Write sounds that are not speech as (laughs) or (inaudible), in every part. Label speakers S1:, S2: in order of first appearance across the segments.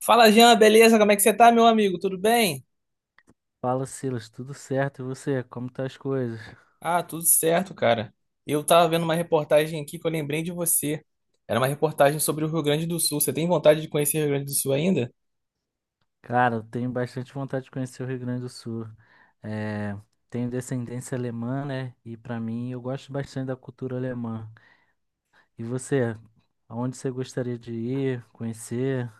S1: Fala, Jean, beleza? Como é que você tá, meu amigo? Tudo bem?
S2: Fala, Silas, tudo certo? E você, como tá as coisas?
S1: Ah, tudo certo, cara. Eu tava vendo uma reportagem aqui que eu lembrei de você. Era uma reportagem sobre o Rio Grande do Sul. Você tem vontade de conhecer o Rio Grande do Sul ainda?
S2: Cara, eu tenho bastante vontade de conhecer o Rio Grande do Sul. É, tenho descendência alemã, né? E pra mim, eu gosto bastante da cultura alemã. E você, aonde você gostaria de ir, conhecer?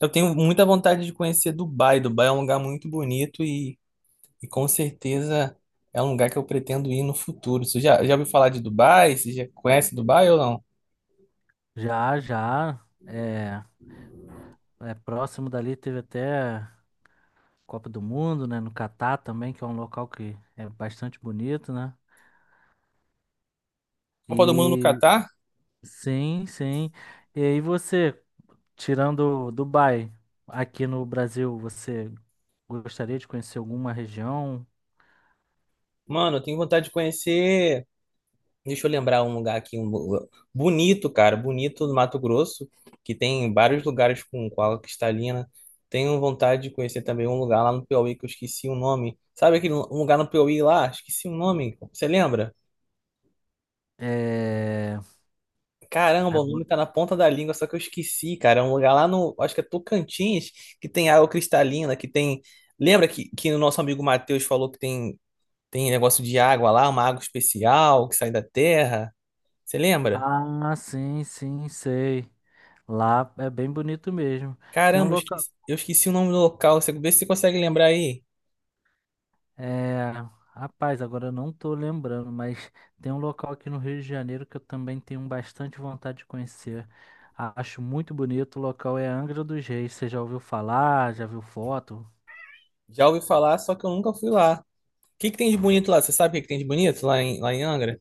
S1: Eu tenho muita vontade de conhecer Dubai. Dubai é um lugar muito bonito e com certeza é um lugar que eu pretendo ir no futuro. Você já ouviu falar de Dubai? Você já conhece Dubai ou não?
S2: Já, já, é próximo dali, teve até Copa do Mundo, né? No Catar também, que é um local que é bastante bonito, né?
S1: Copa do Mundo no
S2: E
S1: Catar?
S2: sim, sim. E aí você? Tirando Dubai, aqui no Brasil, você gostaria de conhecer alguma região?
S1: Mano, eu tenho vontade de conhecer. Deixa eu lembrar um lugar aqui, bonito, cara, bonito do Mato Grosso, que tem vários lugares com água cristalina. Tenho vontade de conhecer também um lugar lá no Piauí que eu esqueci o nome. Sabe um lugar no Piauí lá? Esqueci o nome. Você lembra?
S2: É...
S1: Caramba, o nome
S2: agora-
S1: tá na ponta da língua, só que eu esqueci, cara. É um lugar lá no, acho que é Tocantins, que tem água cristalina, que tem. Lembra que o nosso amigo Matheus falou que tem, tem negócio de água lá, uma água especial que sai da terra? Você lembra?
S2: Ah, sim, sim, sei. Lá é bem bonito mesmo. Tem um
S1: Caramba,
S2: local.
S1: eu esqueci o nome do local. Você, vê se você consegue lembrar aí.
S2: É... Rapaz, agora eu não tô lembrando, mas tem um local aqui no Rio de Janeiro que eu também tenho bastante vontade de conhecer. Acho muito bonito. O local é Angra dos Reis. Você já ouviu falar? Já viu foto?
S1: Já ouvi falar, só que eu nunca fui lá. O que que tem de bonito lá? Você sabe o que que tem de bonito lá em Angra?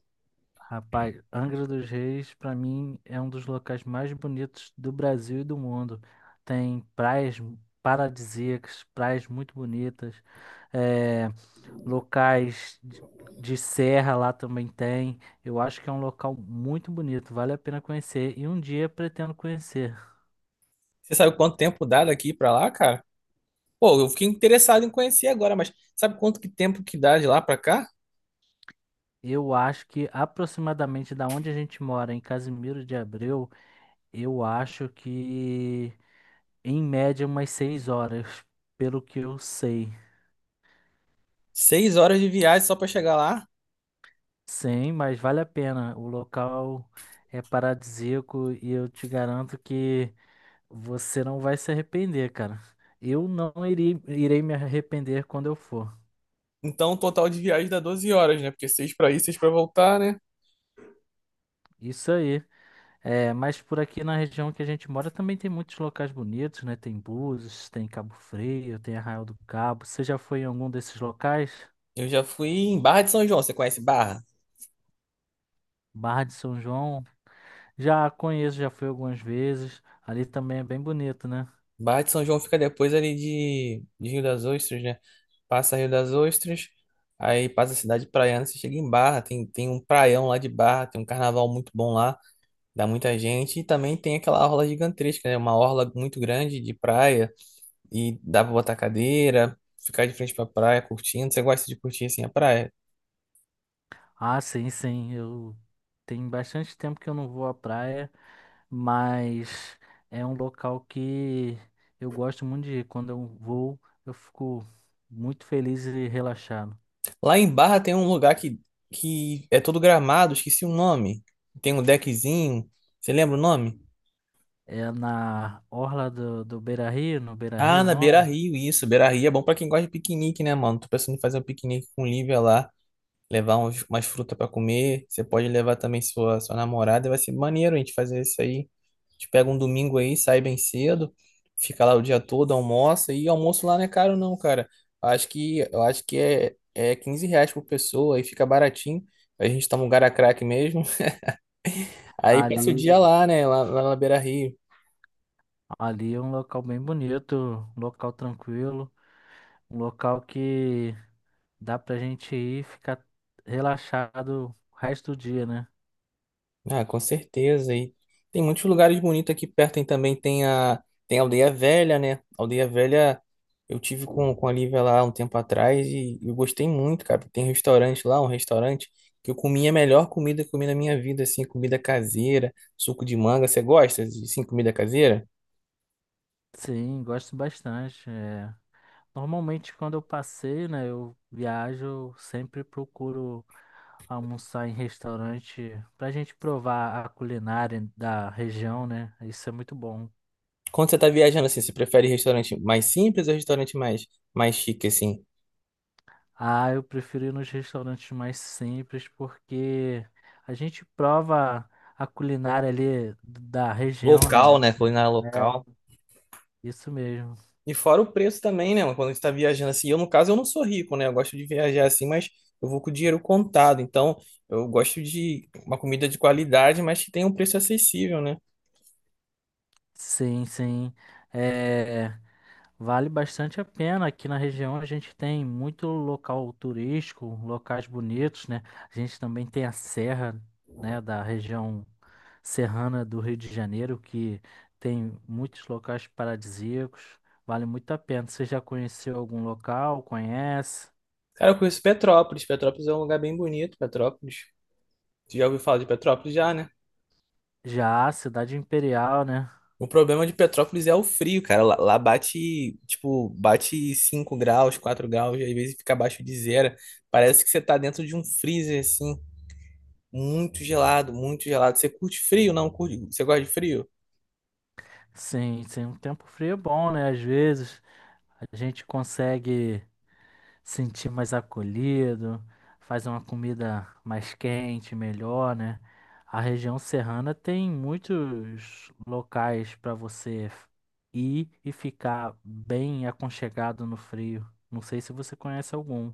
S2: Rapaz, Angra dos Reis, pra mim, é um dos locais mais bonitos do Brasil e do mundo. Tem praias paradisíacas, praias muito bonitas, é, locais de serra lá também tem. Eu acho que é um local muito bonito, vale a pena conhecer e um dia pretendo conhecer.
S1: Você sabe quanto tempo dá daqui pra lá, cara? Pô, eu fiquei interessado em conhecer agora, mas sabe quanto que tempo que dá de lá pra cá?
S2: Eu acho que aproximadamente da onde a gente mora, em Casimiro de Abreu, eu acho que em média umas 6 horas, pelo que eu sei.
S1: 6 horas de viagem só pra chegar lá.
S2: Sim, mas vale a pena. O local é paradisíaco e eu te garanto que você não vai se arrepender, cara. Eu não irei me arrepender quando eu for.
S1: Então, o total de viagem dá 12 horas, né? Porque seis pra ir, seis pra voltar, né?
S2: Isso aí. É, mas por aqui na região que a gente mora também tem muitos locais bonitos, né? Tem Búzios, tem Cabo Frio, tem Arraial do Cabo. Você já foi em algum desses locais?
S1: Eu já fui em Barra de São João. Você conhece Barra?
S2: Barra de São João? Já conheço, já fui algumas vezes. Ali também é bem bonito, né?
S1: Barra de São João fica depois de Rio das Ostras, né? Passa Rio das Ostras, aí passa a cidade praiana, você chega em Barra, tem, tem um praião lá de Barra, tem um carnaval muito bom lá, dá muita gente, e também tem aquela orla gigantesca, né? Uma orla muito grande de praia, e dá pra botar cadeira, ficar de frente pra praia curtindo, você gosta de curtir assim a praia.
S2: Ah, sim, sim. Eu Tem bastante tempo que eu não vou à praia, mas é um local que eu gosto muito de ir. Quando eu vou, eu fico muito feliz e relaxado.
S1: Lá em Barra tem um lugar que é todo gramado, esqueci o nome, tem um deckzinho, você lembra o nome?
S2: É na orla do Beira-Rio, no
S1: Ah,
S2: Beira-Rio, o
S1: na
S2: nome?
S1: Beira-Rio, isso, Beira-Rio é bom pra quem gosta de piquenique, né, mano? Tô pensando em fazer um piquenique com Lívia lá. Levar umas frutas para comer. Você pode levar também sua namorada. Vai ser maneiro a gente fazer isso aí. A gente pega um domingo aí, sai bem cedo, fica lá o dia todo, almoça. E almoço lá não é caro, não, cara. Eu acho é 15 reais por pessoa, aí fica baratinho. A gente toma um gara crack mesmo. (laughs) Aí passa o dia
S2: Ali,
S1: lá, né? Lá na Beira Rio.
S2: ali é um local bem bonito, um local tranquilo, um local que dá pra gente ir e ficar relaxado o resto do dia, né?
S1: Ah, com certeza. E tem muitos lugares bonitos aqui perto. Tem a Aldeia Velha, né? Aldeia Velha, eu tive com a Lívia lá um tempo atrás e eu gostei muito, cara. Tem restaurante lá, um restaurante que eu comi a melhor comida que eu comi na minha vida, assim, comida caseira, suco de manga. Você gosta de, assim, comida caseira?
S2: Sim, gosto bastante. Normalmente, quando eu passeio, né, eu viajo, eu sempre procuro almoçar em restaurante pra gente provar a culinária da região, né? Isso é muito bom.
S1: Quando você tá viajando, assim, você prefere restaurante mais simples ou restaurante mais chique, assim?
S2: Ah, eu prefiro ir nos restaurantes mais simples porque a gente prova a culinária ali da região, né?
S1: Local, né? Culinária local.
S2: É, isso mesmo.
S1: E fora o preço também, né, mano? Quando a gente tá viajando assim, eu no caso eu não sou rico, né? Eu gosto de viajar assim, mas eu vou com o dinheiro contado. Então, eu gosto de uma comida de qualidade, mas que tenha um preço acessível, né?
S2: Sim, sim. É. Vale bastante a pena. Aqui na região a gente tem muito local turístico, locais bonitos, né? A gente também tem a serra, né, da região serrana do Rio de Janeiro, que tem muitos locais paradisíacos. Vale muito a pena. Você já conheceu algum local? Conhece?
S1: Cara, eu conheço Petrópolis. Petrópolis é um lugar bem bonito, Petrópolis. Tu já ouviu falar de Petrópolis já, né?
S2: Já, Cidade Imperial, né?
S1: O problema de Petrópolis é o frio, cara. Lá bate, tipo, bate 5 graus, 4 graus, e às vezes fica abaixo de zero. Parece que você tá dentro de um freezer, assim, muito gelado, muito gelado. Você curte frio? Não, curte... Você gosta de frio?
S2: Sim, sim, um tempo frio é bom, né? Às vezes a gente consegue sentir mais acolhido, faz uma comida mais quente, melhor, né? A região serrana tem muitos locais para você ir e ficar bem aconchegado no frio. Não sei se você conhece algum.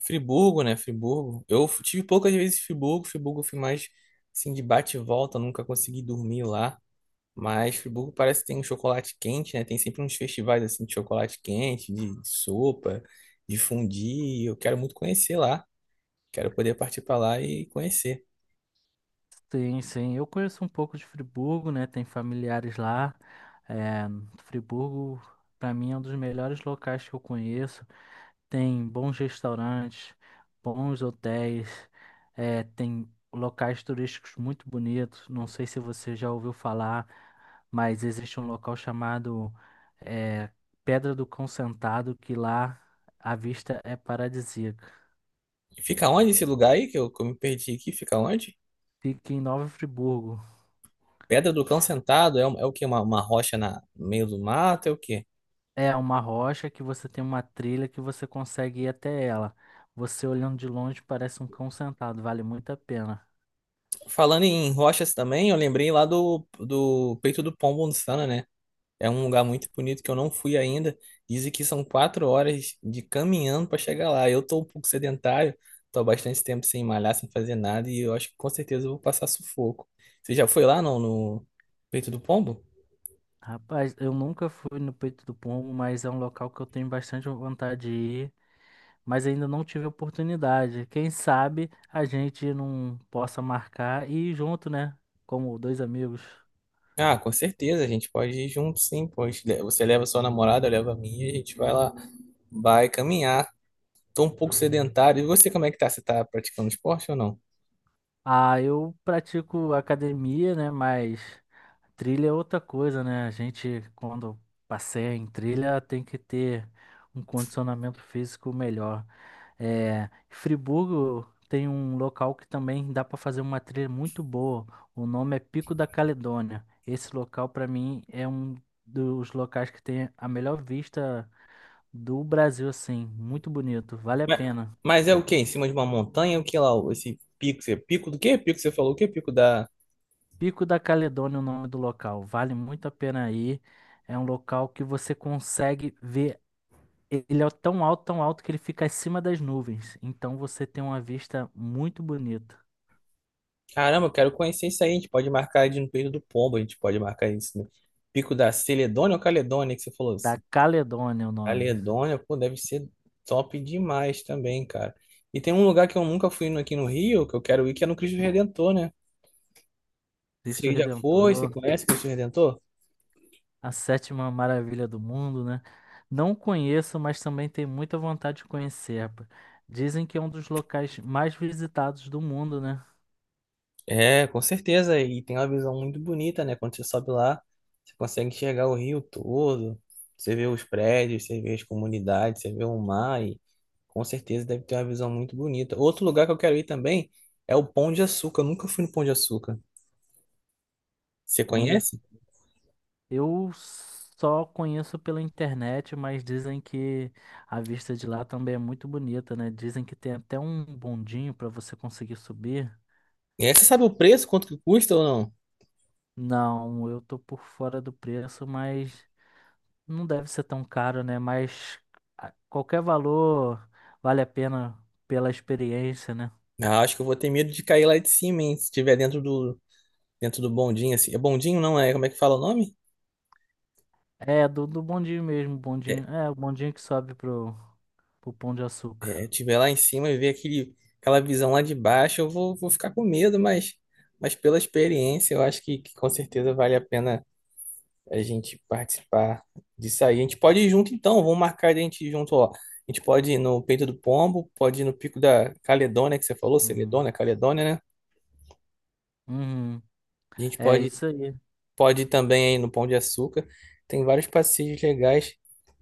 S1: Friburgo, né? Friburgo. Eu tive poucas vezes em Friburgo. Friburgo eu fui mais assim de bate e volta, nunca consegui dormir lá. Mas Friburgo parece que tem um chocolate quente, né? Tem sempre uns festivais assim de chocolate quente, de sopa, de fondue. Eu quero muito conhecer lá. Quero poder partir para lá e conhecer.
S2: Sim, sim, eu conheço um pouco de Friburgo, né? Tem familiares lá. É, Friburgo, para mim, é um dos melhores locais que eu conheço. Tem bons restaurantes, bons hotéis, tem locais turísticos muito bonitos. Não sei se você já ouviu falar, mas existe um local chamado eh, Pedra do Cão Sentado que lá a vista é paradisíaca.
S1: Fica onde esse lugar aí que eu me perdi aqui? Fica onde?
S2: Fica em Nova Friburgo.
S1: Pedra do Cão Sentado é, um- é o quê? Uma rocha no meio do mato? É o quê?
S2: É uma rocha que você tem uma trilha que você consegue ir até ela. Você olhando de longe parece um cão sentado, vale muito a pena.
S1: Falando em rochas também, eu lembrei do Peito do Pombo no Sana, né? É um lugar muito bonito que eu não fui ainda. Dizem que são 4 horas de caminhando para chegar lá. Eu tô um pouco sedentário, tô há bastante tempo sem malhar, sem fazer nada, e eu acho que com certeza eu vou passar sufoco. Você já foi lá, não, no Peito do Pombo?
S2: Rapaz, eu nunca fui no Peito do Pombo, mas é um local que eu tenho bastante vontade de ir, mas ainda não tive oportunidade. Quem sabe a gente não possa marcar e ir junto, né? Como dois amigos.
S1: Ah, com certeza, a gente pode ir junto, sim. Pois você leva sua namorada, eu levo a minha, e a gente vai lá, vai caminhar. Tô um pouco sedentário. E você, como é que tá? Você tá praticando esporte ou não?
S2: Ah, eu pratico academia, né? Mas trilha é outra coisa, né? A gente, quando passeia em trilha, tem que ter um condicionamento físico melhor. É, Friburgo tem um local que também dá para fazer uma trilha muito boa. O nome é Pico da Caledônia. Esse local, para mim, é um dos locais que tem a melhor vista do Brasil, assim. Muito bonito, vale a
S1: Mas,
S2: pena.
S1: mas é o quê? Em cima de uma montanha? O que lá? Esse pico? Você- Pico do quê? Pico, você falou o quê? Pico da.
S2: Pico da Caledônia é o nome do local. Vale muito a pena ir. É um local que você consegue ver. Ele é tão alto que ele fica acima das nuvens. Então você tem uma vista muito bonita.
S1: Caramba, eu quero conhecer isso aí. A gente pode marcar de no Peito do Pombo, a gente pode marcar isso no Pico da Celedônia ou Caledônia, que você falou
S2: Da
S1: assim.
S2: Caledônia é o nome.
S1: Caledônia, pô, deve ser top demais também, cara. E tem um lugar que eu nunca fui no- aqui no Rio, que eu quero ir, que é no Cristo Redentor, né?
S2: Cristo
S1: Você já foi? Você
S2: Redentor,
S1: conhece o Cristo Redentor?
S2: a sétima maravilha do mundo, né? Não conheço, mas também tenho muita vontade de conhecer. Pá. Dizem que é um dos locais mais visitados do mundo, né?
S1: É, com certeza. E tem uma visão muito bonita, né? Quando você sobe lá, você consegue enxergar o rio todo, você vê os prédios, você vê as comunidades, você vê o mar e com certeza deve ter uma visão muito bonita. Outro lugar que eu quero ir também é o Pão de Açúcar. Eu nunca fui no Pão de Açúcar. Você
S2: Onde é-
S1: conhece?
S2: eu só conheço pela internet, mas dizem que a vista de lá também é muito bonita, né? Dizem que tem até um bondinho para você conseguir subir.
S1: É, você sabe o preço, quanto que custa ou não?
S2: Não, eu tô por fora do preço, mas não deve ser tão caro, né? Mas qualquer valor vale a pena pela experiência, né?
S1: Ah, acho que eu vou ter medo de cair lá de cima, hein? Se estiver dentro do bondinho, assim. É bondinho, não é? Como é que fala o nome?
S2: É, do bondinho mesmo,
S1: É,
S2: bondinho. É, o bondinho que sobe pro, pro Pão de Açúcar.
S1: é, tiver lá em cima e ver aquele, aquela visão lá de baixo, eu vou, vou ficar com medo, mas pela experiência, eu acho que com certeza vale a pena a gente participar disso aí. A gente pode ir junto então, vamos marcar de a gente ir junto, ó. A gente pode ir no Peito do Pombo, pode ir no Pico da Caledônia, que você falou,
S2: Hum.
S1: Celedônia, Caledônia, né?
S2: Uhum.
S1: A gente
S2: É
S1: pode,
S2: isso aí.
S1: pode ir também aí no Pão de Açúcar. Tem vários passeios legais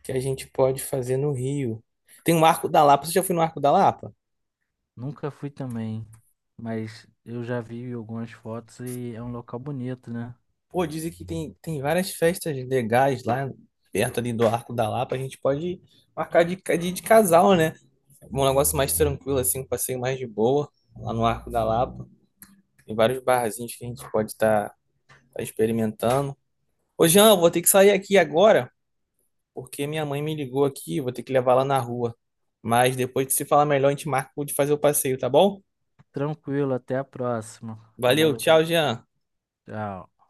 S1: que a gente pode fazer no Rio. Tem o Arco da Lapa. Você já foi no Arco da Lapa?
S2: Nunca fui também, mas eu já vi algumas fotos e é um local bonito, né?
S1: Pô, dizem que tem, tem várias festas legais lá perto ali do Arco da Lapa. A gente pode de casal, né? Um negócio mais tranquilo, assim, um passeio mais de boa lá no Arco da Lapa. Tem vários barzinhos que a gente pode estar experimentando. Ô, Jean, eu vou ter que sair aqui agora, porque minha mãe me ligou aqui, vou ter que levar lá na rua. Mas depois de se falar melhor, a gente marca de fazer o passeio, tá bom?
S2: Tranquilo, até a próxima.
S1: Valeu,
S2: Falou, tchau,
S1: tchau, Jean.
S2: tchau.